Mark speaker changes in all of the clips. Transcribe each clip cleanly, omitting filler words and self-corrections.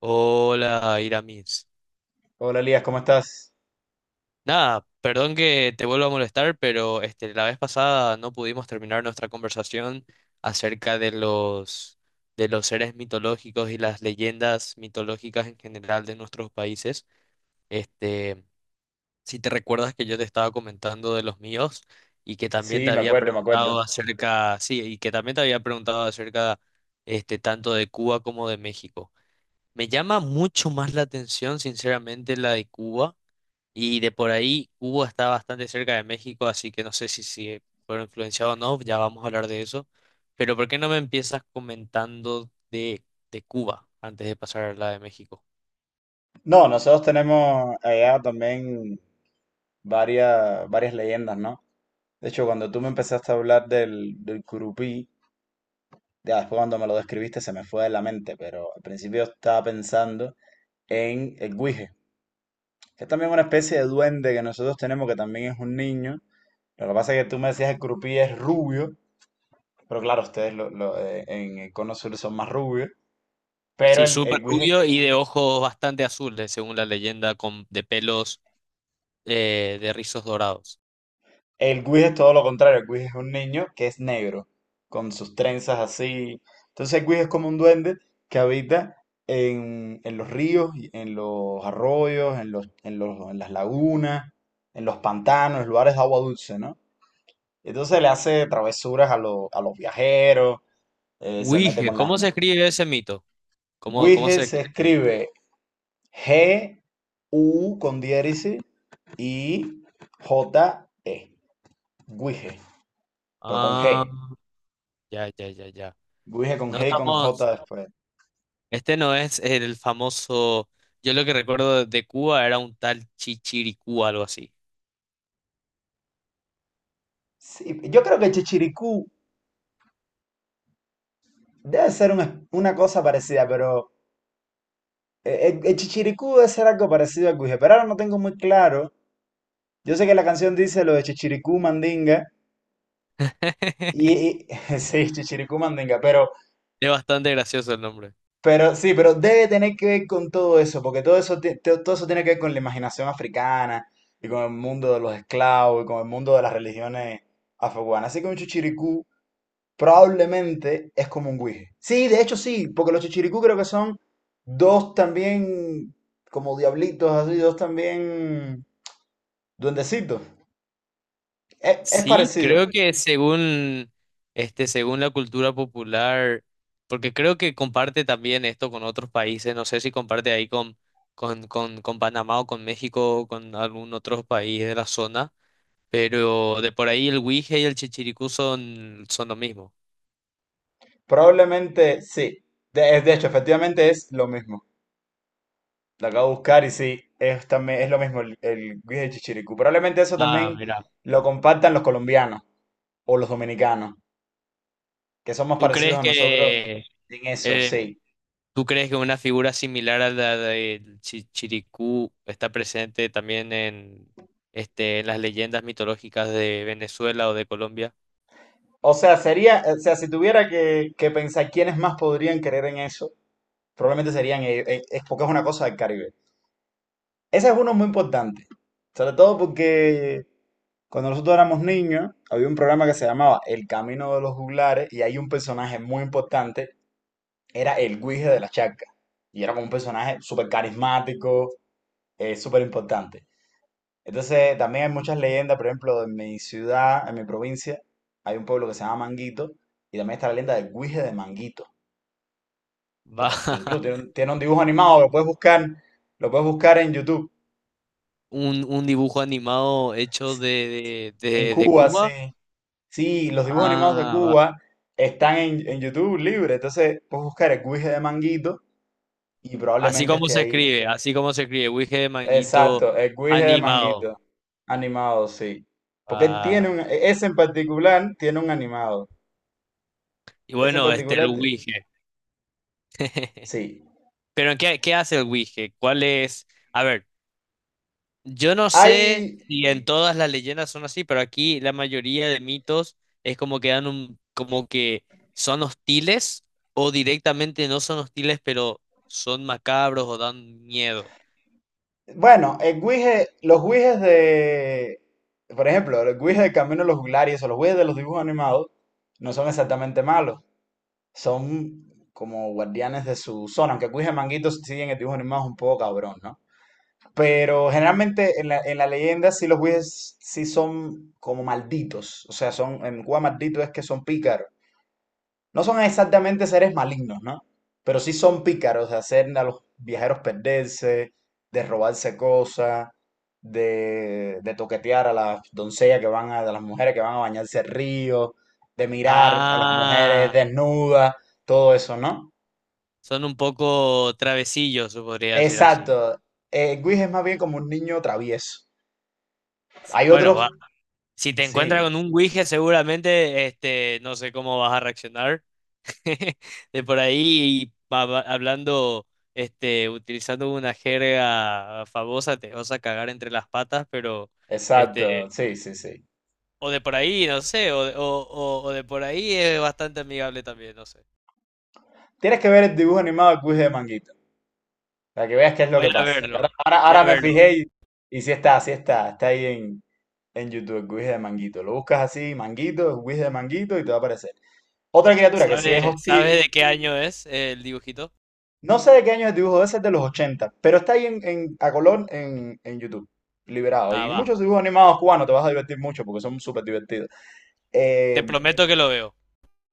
Speaker 1: Hola, Iramis.
Speaker 2: Hola Elías, ¿cómo estás?
Speaker 1: Nada, perdón que te vuelva a molestar, pero la vez pasada no pudimos terminar nuestra conversación acerca de los seres mitológicos y las leyendas mitológicas en general de nuestros países. Este, si te recuerdas que yo te estaba comentando de los míos y que también
Speaker 2: Sí,
Speaker 1: te
Speaker 2: me
Speaker 1: había
Speaker 2: acuerdo, me acuerdo.
Speaker 1: preguntado y que también te había preguntado acerca tanto de Cuba como de México. Me llama mucho más la atención, sinceramente, la de Cuba. Y de por ahí, Cuba está bastante cerca de México, así que no sé si fueron influenciados o no, ya vamos a hablar de eso. Pero ¿por qué no me empiezas comentando de Cuba antes de pasar a la de México?
Speaker 2: No, nosotros tenemos allá también varias leyendas, ¿no? De hecho, cuando tú me empezaste a hablar del Curupí, ya después cuando me lo describiste se me fue de la mente, pero al principio estaba pensando en el Guije, que es también una especie de duende que nosotros tenemos que también es un niño. Lo que pasa es que tú me decías el Curupí es rubio, pero claro, ustedes en el Cono Sur son más rubios, pero
Speaker 1: Sí,
Speaker 2: el,
Speaker 1: súper
Speaker 2: el Guije.
Speaker 1: rubio y de ojos bastante azules, según la leyenda, de pelos de rizos dorados.
Speaker 2: El Guis es todo lo contrario. El Guis es un niño que es negro, con sus trenzas así. Entonces el Guis es como un duende que habita en los ríos, y en los arroyos, en las lagunas, en los pantanos, en lugares de agua dulce, ¿no? Entonces le hace travesuras a los viajeros, se mete
Speaker 1: Huije,
Speaker 2: con las...
Speaker 1: ¿cómo se escribe ese mito?
Speaker 2: Guis
Speaker 1: ¿Cómo se
Speaker 2: se
Speaker 1: escribe?
Speaker 2: escribe G-U con diéresis y J-E. Guije, pero con G.
Speaker 1: Ah, ya, ya, ya, ya.
Speaker 2: Guije con
Speaker 1: No
Speaker 2: G y con
Speaker 1: estamos.
Speaker 2: J después.
Speaker 1: Este no es el famoso, yo lo que recuerdo de Cuba era un tal Chichiricú, algo así.
Speaker 2: Sí, yo creo que Chichiricú debe ser un una cosa parecida, pero el Chichiricú debe ser algo parecido al Guije, pero ahora no tengo muy claro. Yo sé que la canción dice lo de Chichiricú Mandinga, sí, Chichiricú Mandinga,
Speaker 1: Es bastante gracioso el nombre.
Speaker 2: pero sí, pero debe tener que ver con todo eso, porque todo eso, todo eso tiene que ver con la imaginación africana, y con el mundo de los esclavos, y con el mundo de las religiones afrocubanas. Así que un Chichiricú probablemente es como un guije. Sí, de hecho sí, porque los chichiricú creo que son dos también como diablitos, así, dos también duendecitos. Es
Speaker 1: Sí,
Speaker 2: parecido.
Speaker 1: creo que según la cultura popular, porque creo que comparte también esto con otros países, no sé si comparte ahí con Panamá o con México o con algún otro país de la zona, pero de por ahí el Huije y el Chichiricú son lo mismo.
Speaker 2: Probablemente sí. De hecho, efectivamente es lo mismo. Lo acabo de buscar y sí, es, también, es lo mismo el guije chichiricú. Probablemente eso
Speaker 1: Ah,
Speaker 2: también
Speaker 1: mira.
Speaker 2: lo compartan los colombianos o los dominicanos, que son más
Speaker 1: ¿Tú
Speaker 2: parecidos
Speaker 1: crees
Speaker 2: a nosotros
Speaker 1: que
Speaker 2: en eso,
Speaker 1: eh,
Speaker 2: sí.
Speaker 1: ¿Tú crees que una figura similar a la de Chiricú está presente también en, en las leyendas mitológicas de Venezuela o de Colombia?
Speaker 2: O sea, sería, o sea, si tuviera que pensar quiénes más podrían creer en eso, probablemente serían ellos, es porque es una cosa del Caribe. Ese es uno muy importante, sobre todo porque cuando nosotros éramos niños, había un programa que se llamaba El Camino de los Juglares y hay un personaje muy importante, era el Guije de la Charca. Y era como un personaje súper carismático, súper importante. Entonces, también hay muchas leyendas, por ejemplo, en mi ciudad, en mi provincia, hay un pueblo que se llama Manguito, y también está la leyenda del Guije de Manguito, que,
Speaker 1: Va.
Speaker 2: que incluso tiene un dibujo animado, lo puedes buscar en YouTube.
Speaker 1: Un dibujo animado hecho
Speaker 2: S-
Speaker 1: de, de,
Speaker 2: En
Speaker 1: de- de
Speaker 2: Cuba, sí.
Speaker 1: Cuba.
Speaker 2: Sí, los dibujos animados de
Speaker 1: Ah, va.
Speaker 2: Cuba están en YouTube libre, entonces puedes buscar el Guije de Manguito y
Speaker 1: Así
Speaker 2: probablemente
Speaker 1: como
Speaker 2: esté
Speaker 1: se
Speaker 2: ahí.
Speaker 1: escribe, así como se escribe, Wige de
Speaker 2: Exacto,
Speaker 1: Manguito
Speaker 2: el Guije de
Speaker 1: animado.
Speaker 2: Manguito, animado, sí. Porque él tiene
Speaker 1: Ah,
Speaker 2: un, ese en particular tiene un animado.
Speaker 1: y
Speaker 2: Ese en
Speaker 1: bueno, este el
Speaker 2: particular
Speaker 1: Wige.
Speaker 2: sí.
Speaker 1: Pero ¿qué hace el Wige? ¿Cuál es? A ver. Yo no sé
Speaker 2: Hay,
Speaker 1: si en todas las leyendas son así, pero aquí la mayoría de mitos es como que son hostiles o directamente no son hostiles, pero son macabros o dan miedo.
Speaker 2: bueno, los guijes de, por ejemplo, los guijes de Camino de los Juglares o los guijes de los dibujos animados no son exactamente malos. Son como guardianes de su zona, aunque el guije de Manguito sí en el dibujo animado es un poco cabrón, ¿no? Pero generalmente en la leyenda sí los guijes sí son como malditos. O sea, son, en Cuba maldito es que son pícaros. No son exactamente seres malignos, ¿no? Pero sí son pícaros de hacer a los viajeros perderse, de robarse cosas, de toquetear a las doncellas que van a, de las mujeres que van a bañarse al río, de mirar a las mujeres
Speaker 1: Ah,
Speaker 2: desnudas, todo eso, ¿no?
Speaker 1: son un poco travesillos, se podría decir así.
Speaker 2: Exacto. Guis es más bien como un niño travieso.
Speaker 1: Sí,
Speaker 2: Hay
Speaker 1: bueno, va.
Speaker 2: otros,
Speaker 1: Si te encuentras
Speaker 2: sí,
Speaker 1: con un Ouija, seguramente, no sé cómo vas a reaccionar, de por ahí hablando, utilizando una jerga famosa, te vas a cagar entre las patas, pero
Speaker 2: exacto,
Speaker 1: este,
Speaker 2: sí, sí, sí.
Speaker 1: o de por ahí, no sé, o de por ahí es bastante amigable también, no sé.
Speaker 2: Tienes que ver el dibujo animado de Guis de Manguito. Para que veas qué es lo
Speaker 1: Voy
Speaker 2: que
Speaker 1: a
Speaker 2: pasa.
Speaker 1: verlo, voy
Speaker 2: Ahora
Speaker 1: a
Speaker 2: me
Speaker 1: verlo.
Speaker 2: fijé y sí está, sí está. Está ahí en YouTube, el Guis de Manguito. Lo buscas así, Manguito, Guis de Manguito, y te va a aparecer. Otra criatura que sí es
Speaker 1: ¿Sabe, sabe
Speaker 2: hostil.
Speaker 1: de qué año es el dibujito?
Speaker 2: No sé de qué año es el dibujo, ese es de los 80, pero está ahí a color en YouTube, liberado.
Speaker 1: Ah,
Speaker 2: Y muchos
Speaker 1: va.
Speaker 2: dibujos animados cubanos, te vas a divertir mucho porque son súper divertidos.
Speaker 1: Te
Speaker 2: Eh,
Speaker 1: prometo que lo veo.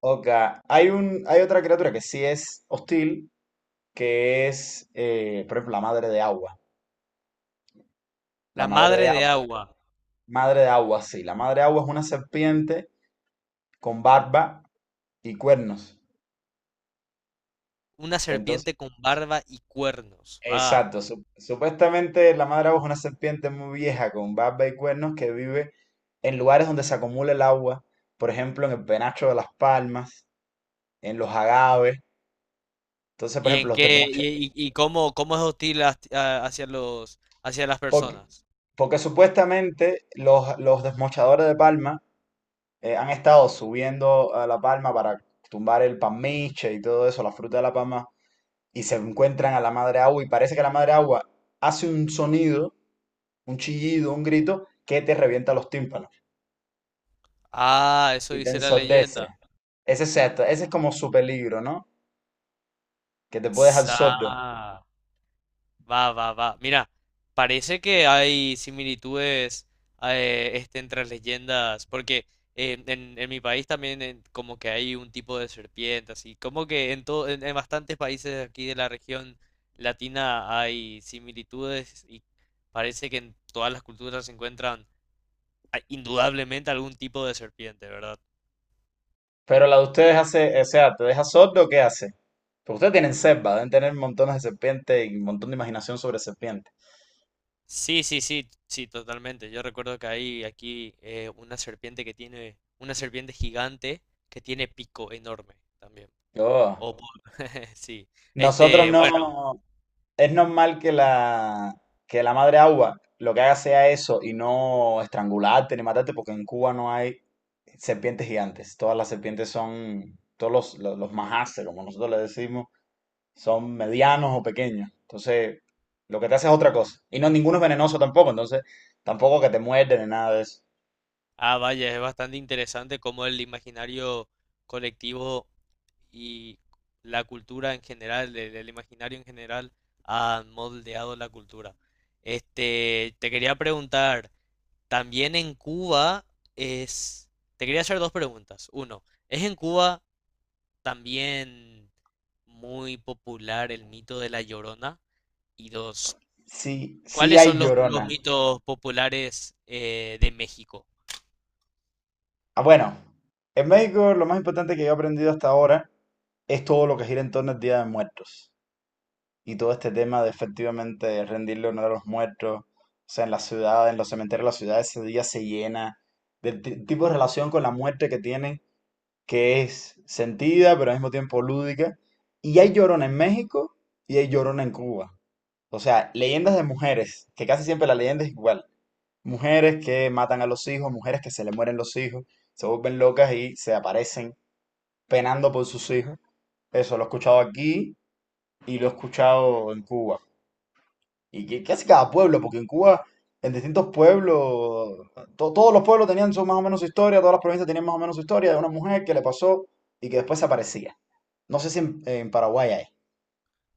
Speaker 2: ok, hay un, hay otra criatura que sí es hostil, que es, por ejemplo, la madre de agua. La
Speaker 1: La
Speaker 2: madre
Speaker 1: madre
Speaker 2: de
Speaker 1: de agua,
Speaker 2: Madre de agua, sí. La madre de agua es una serpiente con barba y cuernos.
Speaker 1: una
Speaker 2: Que entonces,
Speaker 1: serpiente con barba y cuernos. Va.
Speaker 2: exacto, supuestamente la madre de agua es una serpiente muy vieja con barba y cuernos que vive en lugares donde se acumula el agua, por ejemplo, en el penacho de las palmas, en los agaves. Entonces, por
Speaker 1: ¿Y
Speaker 2: ejemplo,
Speaker 1: en
Speaker 2: los
Speaker 1: qué
Speaker 2: desmocha.
Speaker 1: cómo es hostil hacia los hacia las
Speaker 2: Porque,
Speaker 1: personas?
Speaker 2: porque supuestamente los desmochadores de palma han estado subiendo a la palma para tumbar el palmiche y todo eso, la fruta de la palma y se encuentran a la madre agua y parece que la madre agua hace un sonido, un chillido, un grito que te revienta los tímpanos
Speaker 1: Ah, eso
Speaker 2: y te
Speaker 1: dice la leyenda.
Speaker 2: ensordece. Ese es, esto, ese es como su peligro, ¿no? Que te puede dejar sordo.
Speaker 1: Sa- Va, va, va. Mira, parece que hay similitudes entre las leyendas, porque en mi país también como que hay un tipo de serpiente, así como que en bastantes países aquí de la región latina hay similitudes y parece que en todas las culturas se encuentran indudablemente algún tipo de serpiente, ¿verdad?
Speaker 2: Pero la de ustedes hace, o sea, ¿te deja sordo o qué hace? Porque ustedes tienen selva, deben tener montones de serpientes y un montón de imaginación sobre serpientes.
Speaker 1: Sí, sí, sí, sí, totalmente. Yo recuerdo que hay aquí una serpiente que tiene, una serpiente gigante que tiene pico enorme también.
Speaker 2: Yo,
Speaker 1: O por- sí.
Speaker 2: nosotros
Speaker 1: Este, bueno,
Speaker 2: no. Es normal que la madre agua lo que haga sea eso y no estrangularte ni matarte, porque en Cuba no hay serpientes gigantes. Todas las serpientes son, los majaces, como nosotros le decimos, son medianos o pequeños. Entonces, lo que te hace es otra cosa. Y no, ninguno es venenoso tampoco, entonces tampoco que te muerden ni nada de eso.
Speaker 1: ah, vaya, es bastante interesante cómo el imaginario colectivo y la cultura en general, el imaginario en general, ha moldeado la cultura. Este, te quería preguntar. También en Cuba es... Te quería hacer dos preguntas. Uno, ¿es en Cuba también muy popular el mito de la Llorona? Y dos,
Speaker 2: Sí, sí
Speaker 1: ¿cuáles
Speaker 2: hay
Speaker 1: son los
Speaker 2: llorona.
Speaker 1: mitos populares de México?
Speaker 2: Ah, bueno, en México lo más importante que yo he aprendido hasta ahora es todo lo que gira en torno al Día de Muertos. Y todo este tema de efectivamente rendirle honor a los muertos. O sea, en la ciudad, en los cementerios de la ciudad, ese día se llena tipo de relación con la muerte que tienen, que es sentida, pero al mismo tiempo lúdica. Y hay llorona en México y hay llorona en Cuba. O sea, leyendas de mujeres, que casi siempre la leyenda es igual. Mujeres que matan a los hijos, mujeres que se le mueren los hijos, se vuelven locas y se aparecen penando por sus hijos. Eso lo he escuchado aquí y lo he escuchado en Cuba. Y que casi cada pueblo, porque en Cuba, en distintos pueblos, todos los pueblos tenían su, más o menos su historia, todas las provincias tenían más o menos su historia de una mujer que le pasó y que después aparecía. No sé si en Paraguay hay.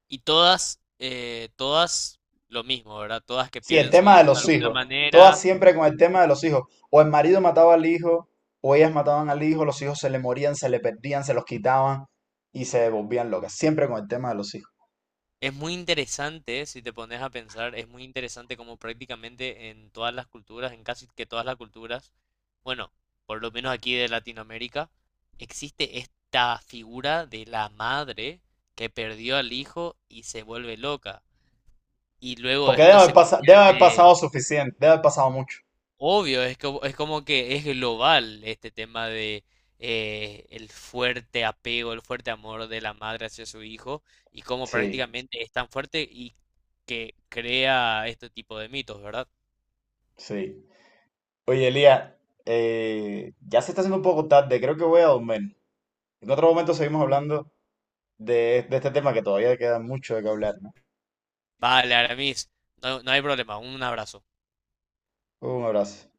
Speaker 1: Y todas, todas lo mismo, ¿verdad? Todas que
Speaker 2: Sí, el
Speaker 1: pierden su
Speaker 2: tema de
Speaker 1: hijo de
Speaker 2: los
Speaker 1: alguna
Speaker 2: hijos. Todas
Speaker 1: manera.
Speaker 2: siempre con el tema de los hijos. O el marido mataba al hijo, o ellas mataban al hijo, los hijos se le morían, se le perdían, se los quitaban y se volvían locas. Siempre con el tema de los hijos.
Speaker 1: Es muy interesante, si te pones a pensar, es muy interesante como prácticamente en todas las culturas, en casi que todas las culturas, bueno, por lo menos aquí de Latinoamérica, existe esta figura de la madre que perdió al hijo y se vuelve loca. Y luego
Speaker 2: Porque
Speaker 1: esto se
Speaker 2: debe haber pasado
Speaker 1: convierte.
Speaker 2: suficiente, debe haber pasado mucho.
Speaker 1: Obvio, es como que es global este tema de el fuerte apego, el fuerte amor de la madre hacia su hijo y cómo
Speaker 2: Sí,
Speaker 1: prácticamente es tan fuerte y que crea este tipo de mitos, ¿verdad?
Speaker 2: sí. Oye, Elías, ya se está haciendo un poco tarde, creo que voy a dormir. En otro momento seguimos hablando de este tema que todavía queda mucho de que hablar, ¿no?
Speaker 1: Vale, Aramis, no hay problema, un abrazo.
Speaker 2: Un abrazo.